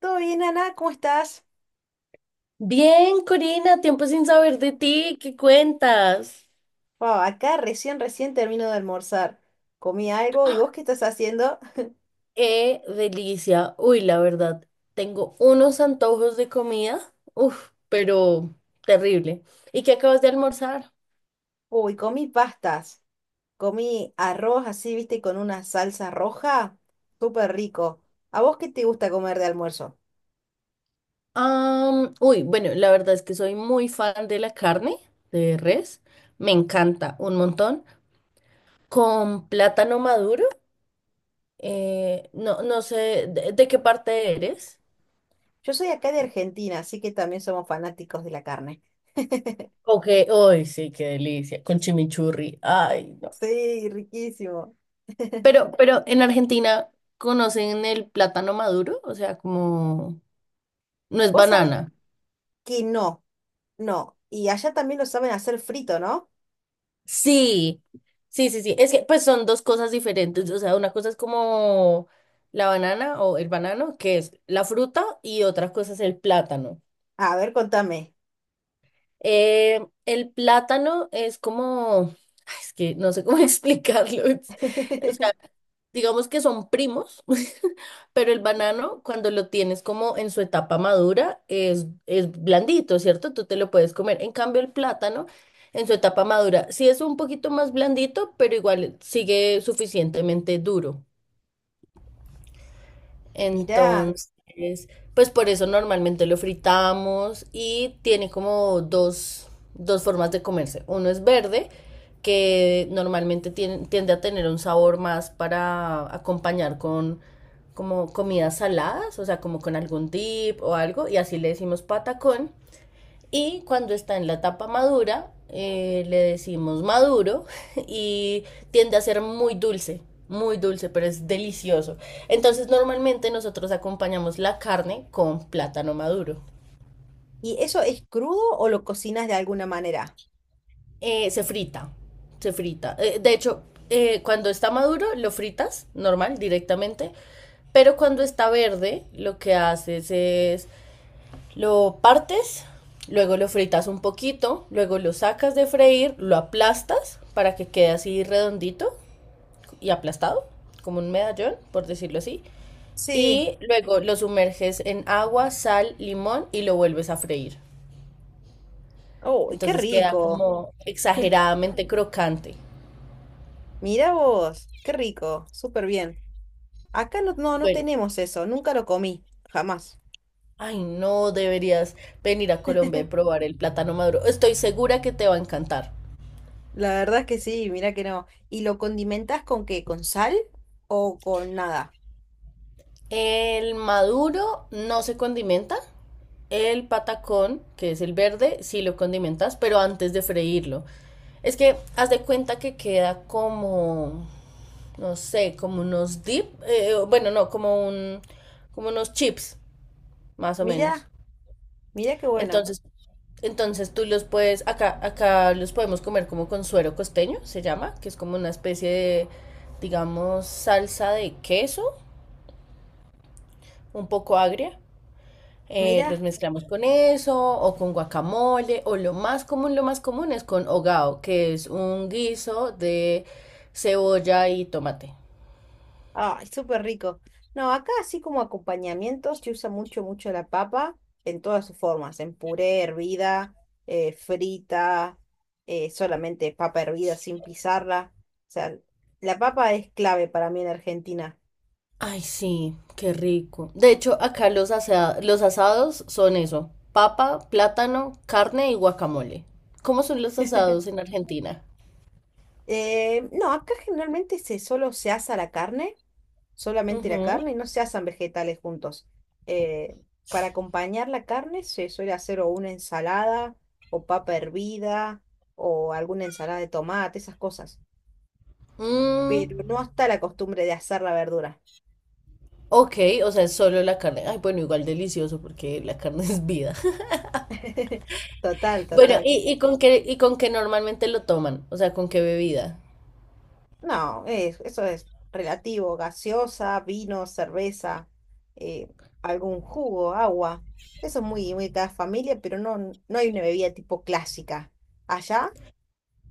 ¿Todo bien, Ana? ¿Cómo estás? Bien, Corina, tiempo sin saber de ti, ¿qué cuentas? Wow, acá recién termino de almorzar. Comí algo, ¿y vos qué estás haciendo? ¡Qué delicia! Uy, la verdad, tengo unos antojos de comida, uf, pero terrible. ¿Y qué acabas de almorzar? Uy, comí pastas. Comí arroz así, viste, con una salsa roja. Súper rico. ¿A vos qué te gusta comer de almuerzo? Bueno, la verdad es que soy muy fan de la carne de res, me encanta un montón, con plátano maduro, no, no sé, ¿de qué parte eres? Yo soy acá de Argentina, así que también somos fanáticos de la carne. Ok, uy, sí, qué delicia, con chimichurri, ay, no. Sí, riquísimo. Pero en Argentina conocen el plátano maduro, o sea, como no es Vos sabés banana. que no, no. Y allá también lo saben hacer frito, ¿no? Sí, sí, sí, sí. Es que pues son dos cosas diferentes. O sea, una cosa es como la banana o el banano, que es la fruta, y otra cosa es el plátano. A ver, contame. El plátano es como, ay, es que no sé cómo explicarlo. Digamos que son primos, pero el banano cuando lo tienes como en su etapa madura es blandito, ¿cierto? Tú te lo puedes comer. En cambio, el plátano en su etapa madura sí es un poquito más blandito, pero igual sigue suficientemente duro. Mirá. Entonces, pues por eso normalmente lo fritamos y tiene como dos formas de comerse. Uno es verde, que normalmente tiende a tener un sabor más para acompañar con como comidas saladas, o sea, como con algún dip o algo, y así le decimos patacón. Y cuando está en la etapa madura, le decimos maduro y tiende a ser muy dulce, pero es delicioso. Entonces normalmente nosotros acompañamos la carne con plátano maduro. ¿Y eso es crudo o lo cocinas de alguna manera? Se frita, se frita. De hecho, cuando está maduro lo fritas normal, directamente, pero cuando está verde lo que haces es lo partes, luego lo fritas un poquito, luego lo sacas de freír, lo aplastas para que quede así redondito y aplastado, como un medallón, por decirlo así. Sí. Y luego lo sumerges en agua, sal, limón y lo vuelves a freír. ¡Oh, qué Entonces queda rico! como exageradamente crocante. Mira vos, qué rico, súper bien. Acá no Bueno, tenemos eso, nunca lo comí, jamás. ay no, deberías venir a Colombia y probar el plátano maduro. Estoy segura que te va a encantar. La verdad es que sí, mira que no. ¿Y lo condimentas con qué? ¿Con sal o con nada? El maduro no se condimenta, el patacón, que es el verde, sí lo condimentas, pero antes de freírlo. Es que haz de cuenta que queda como, no sé, como unos dip, bueno, no, como un, como unos chips, más o menos. Mira, mira qué bueno. Entonces, entonces tú los puedes, acá, acá los podemos comer como con suero costeño, se llama, que es como una especie de, digamos, salsa de queso, un poco agria. Los Mira. mezclamos con eso, o con guacamole, o lo más común es con hogao, que es un guiso de cebolla y tomate. Ay, súper rico. No, acá así como acompañamientos se usa mucho, mucho la papa en todas sus formas, en puré, hervida, frita, solamente papa hervida sin pisarla. O sea, la papa es clave para mí en Argentina. Ay, sí, qué rico. De hecho, acá los asados son eso, papa, plátano, carne y guacamole. ¿Cómo son los asados en Argentina? No, acá generalmente se solo se asa la carne. Solamente la Ujú. carne, no se hacen vegetales juntos. Eh, para acompañar la carne se suele hacer o una ensalada o papa hervida o alguna ensalada de tomate, esas cosas. Mm, Pero no está la costumbre de asar la verdura. ok, o sea, es solo la carne. Ay, bueno, igual delicioso porque la carne es vida. Total, Bueno, total. ¿y con qué, con qué normalmente lo toman? O sea, ¿con qué bebida? No, es- eso es relativo. Gaseosa, vino, cerveza, eh, algún jugo, agua. Eso es muy, muy de cada familia, pero no, no hay una bebida tipo clásica. Allá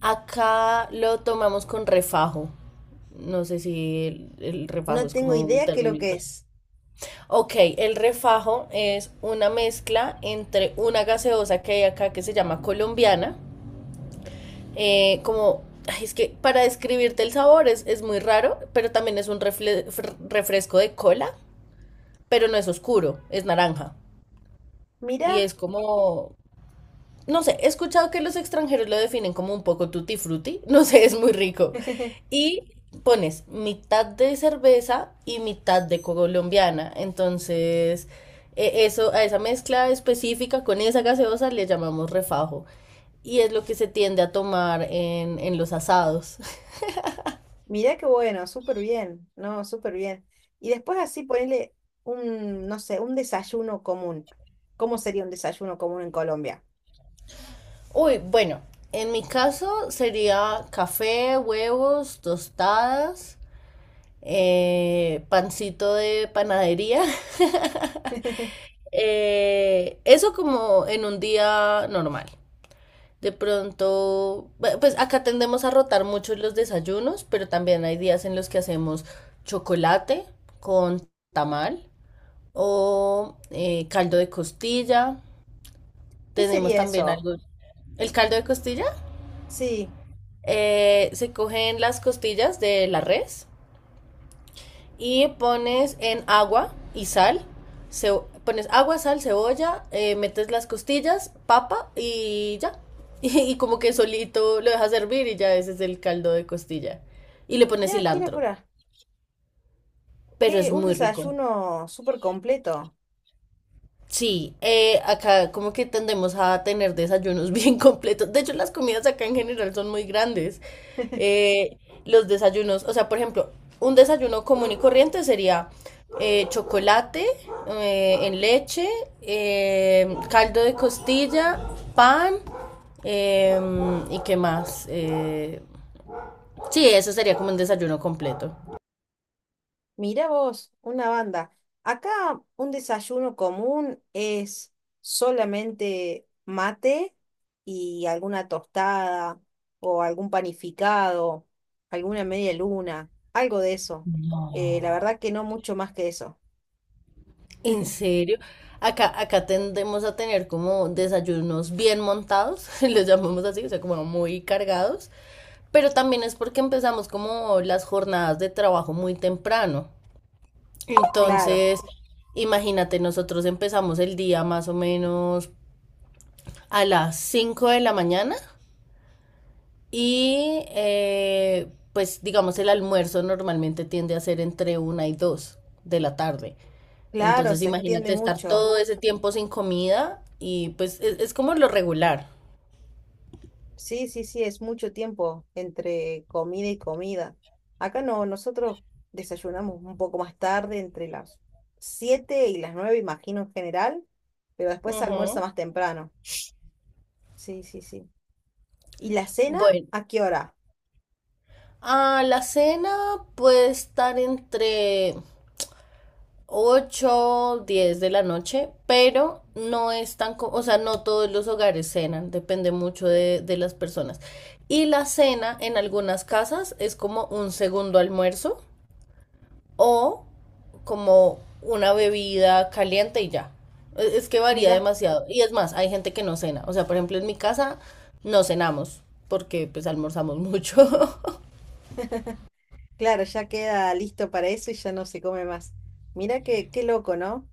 Acá lo tomamos con refajo. No sé si el refajo no es tengo como un idea qué es lo término. que es. Ok, el refajo es una mezcla entre una gaseosa que hay acá que se llama colombiana. Como, ay, es que para describirte el sabor es muy raro, pero también es un refresco de cola, pero no es oscuro, es naranja. Y Mirá, es como, no sé, he escuchado que los extranjeros lo definen como un poco tutti frutti, no sé, es muy rico. Y pones mitad de cerveza y mitad de colombiana, entonces eso a esa mezcla específica con esa gaseosa le llamamos refajo y es lo que se tiende a tomar en los asados. mirá qué bueno, súper bien, no, súper bien. Y después así ponerle un, no sé, un desayuno común. ¿Cómo sería un desayuno común en Colombia? Uy, bueno, en mi caso sería café, huevos, tostadas, pancito de panadería. Eso como en un día normal. De pronto, pues acá tendemos a rotar mucho los desayunos, pero también hay días en los que hacemos chocolate con tamal o caldo de costilla. ¿Qué Tenemos sería también eso? algo, el caldo de costilla. Sí, Se cogen las costillas de la res y pones en agua y sal. Ce- pones agua, sal, cebolla, metes las costillas, papa y ya. Y, como que solito lo dejas hervir y ya ese es el caldo de costilla. Y le pones mirá, qué cilantro. locura, Pero es qué, un muy rico. desayuno súper completo. Sí, acá como que tendemos a tener desayunos bien completos. De hecho, las comidas acá en general son muy grandes. Eh, los desayunos, o sea, por ejemplo, un desayuno común y corriente sería chocolate en leche, caldo de costilla, pan y qué más. Sí, eso sería como un desayuno completo. Mirá vos, una banda. Acá un desayuno común es solamente mate y alguna tostada o algún panificado, alguna media luna, algo de eso. La verdad que no mucho más que eso. ¿En serio? Acá tendemos a tener como desayunos bien montados, los llamamos así, o sea, como muy cargados, pero también es porque empezamos como las jornadas de trabajo muy temprano. Claro, Entonces, imagínate, nosotros empezamos el día más o menos a las 5 de la mañana. Y pues digamos el almuerzo normalmente tiende a ser entre una y dos de la tarde. claro, Entonces se extiende imagínate estar mucho. todo ese tiempo sin comida y pues es como lo regular. Sí, sí, sí, es mucho tiempo entre comida y comida. Acá no, nosotros desayunamos un poco más tarde, entre las 7 y las 9, imagino en general, pero después se almuerza Ujú. más temprano. Sí, sí, sí. ¿Y la cena Bueno, a qué hora? a la cena puede estar entre 8 y 10 de la noche, pero no es tan, o sea, no todos los hogares cenan, depende mucho de las personas. Y la cena en algunas casas es como un segundo almuerzo o como una bebida caliente y ya. Es que varía Mira, demasiado. Y es más, hay gente que no cena. O sea, por ejemplo, en mi casa no cenamos porque pues almorzamos mucho. claro, ya queda listo para eso y ya no se come más. Mira qué, qué loco, ¿no?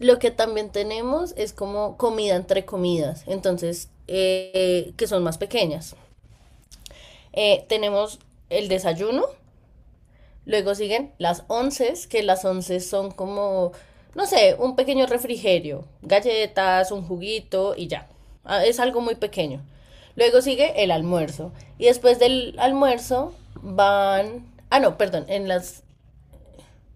Lo que también tenemos es como comida entre comidas, entonces, que son más pequeñas. Tenemos el desayuno, luego siguen las onces, que las onces son como, no sé, un pequeño refrigerio, galletas, un juguito y ya. Ah, es algo muy pequeño. Luego sigue el almuerzo. Y después del almuerzo van... Ah, no, perdón, en las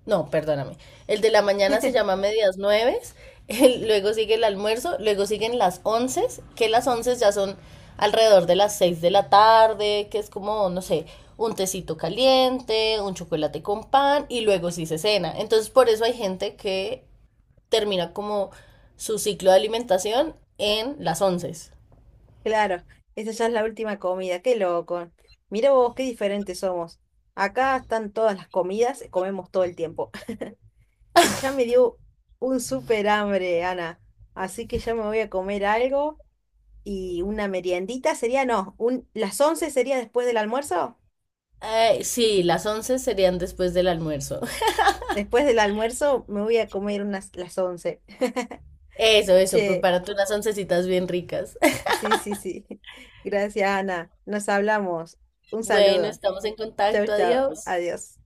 no, perdóname. El de la mañana se llama medias nueves, luego sigue el almuerzo, luego siguen las once, que las once ya son alrededor de las 6 de la tarde, que es como, no sé, un tecito caliente, un chocolate con pan, y luego sí se cena. Entonces, por eso hay gente que termina como su ciclo de alimentación en las once. Claro, esa ya es la última comida, qué loco. Mira vos, qué diferentes somos. Acá están todas las comidas, comemos todo el tiempo. Y ya me dio un súper hambre, Ana. Así que ya me voy a comer algo y una meriendita sería, no, un, las 11 sería después del almuerzo. Sí, las once serían después del almuerzo. Después del almuerzo me voy a comer unas las once. Eso, Che, prepárate unas oncecitas bien ricas. sí, sí, sí. Gracias, Ana. Nos hablamos. Un Bueno, saludo. estamos en Chau, contacto, chau. adiós. Adiós.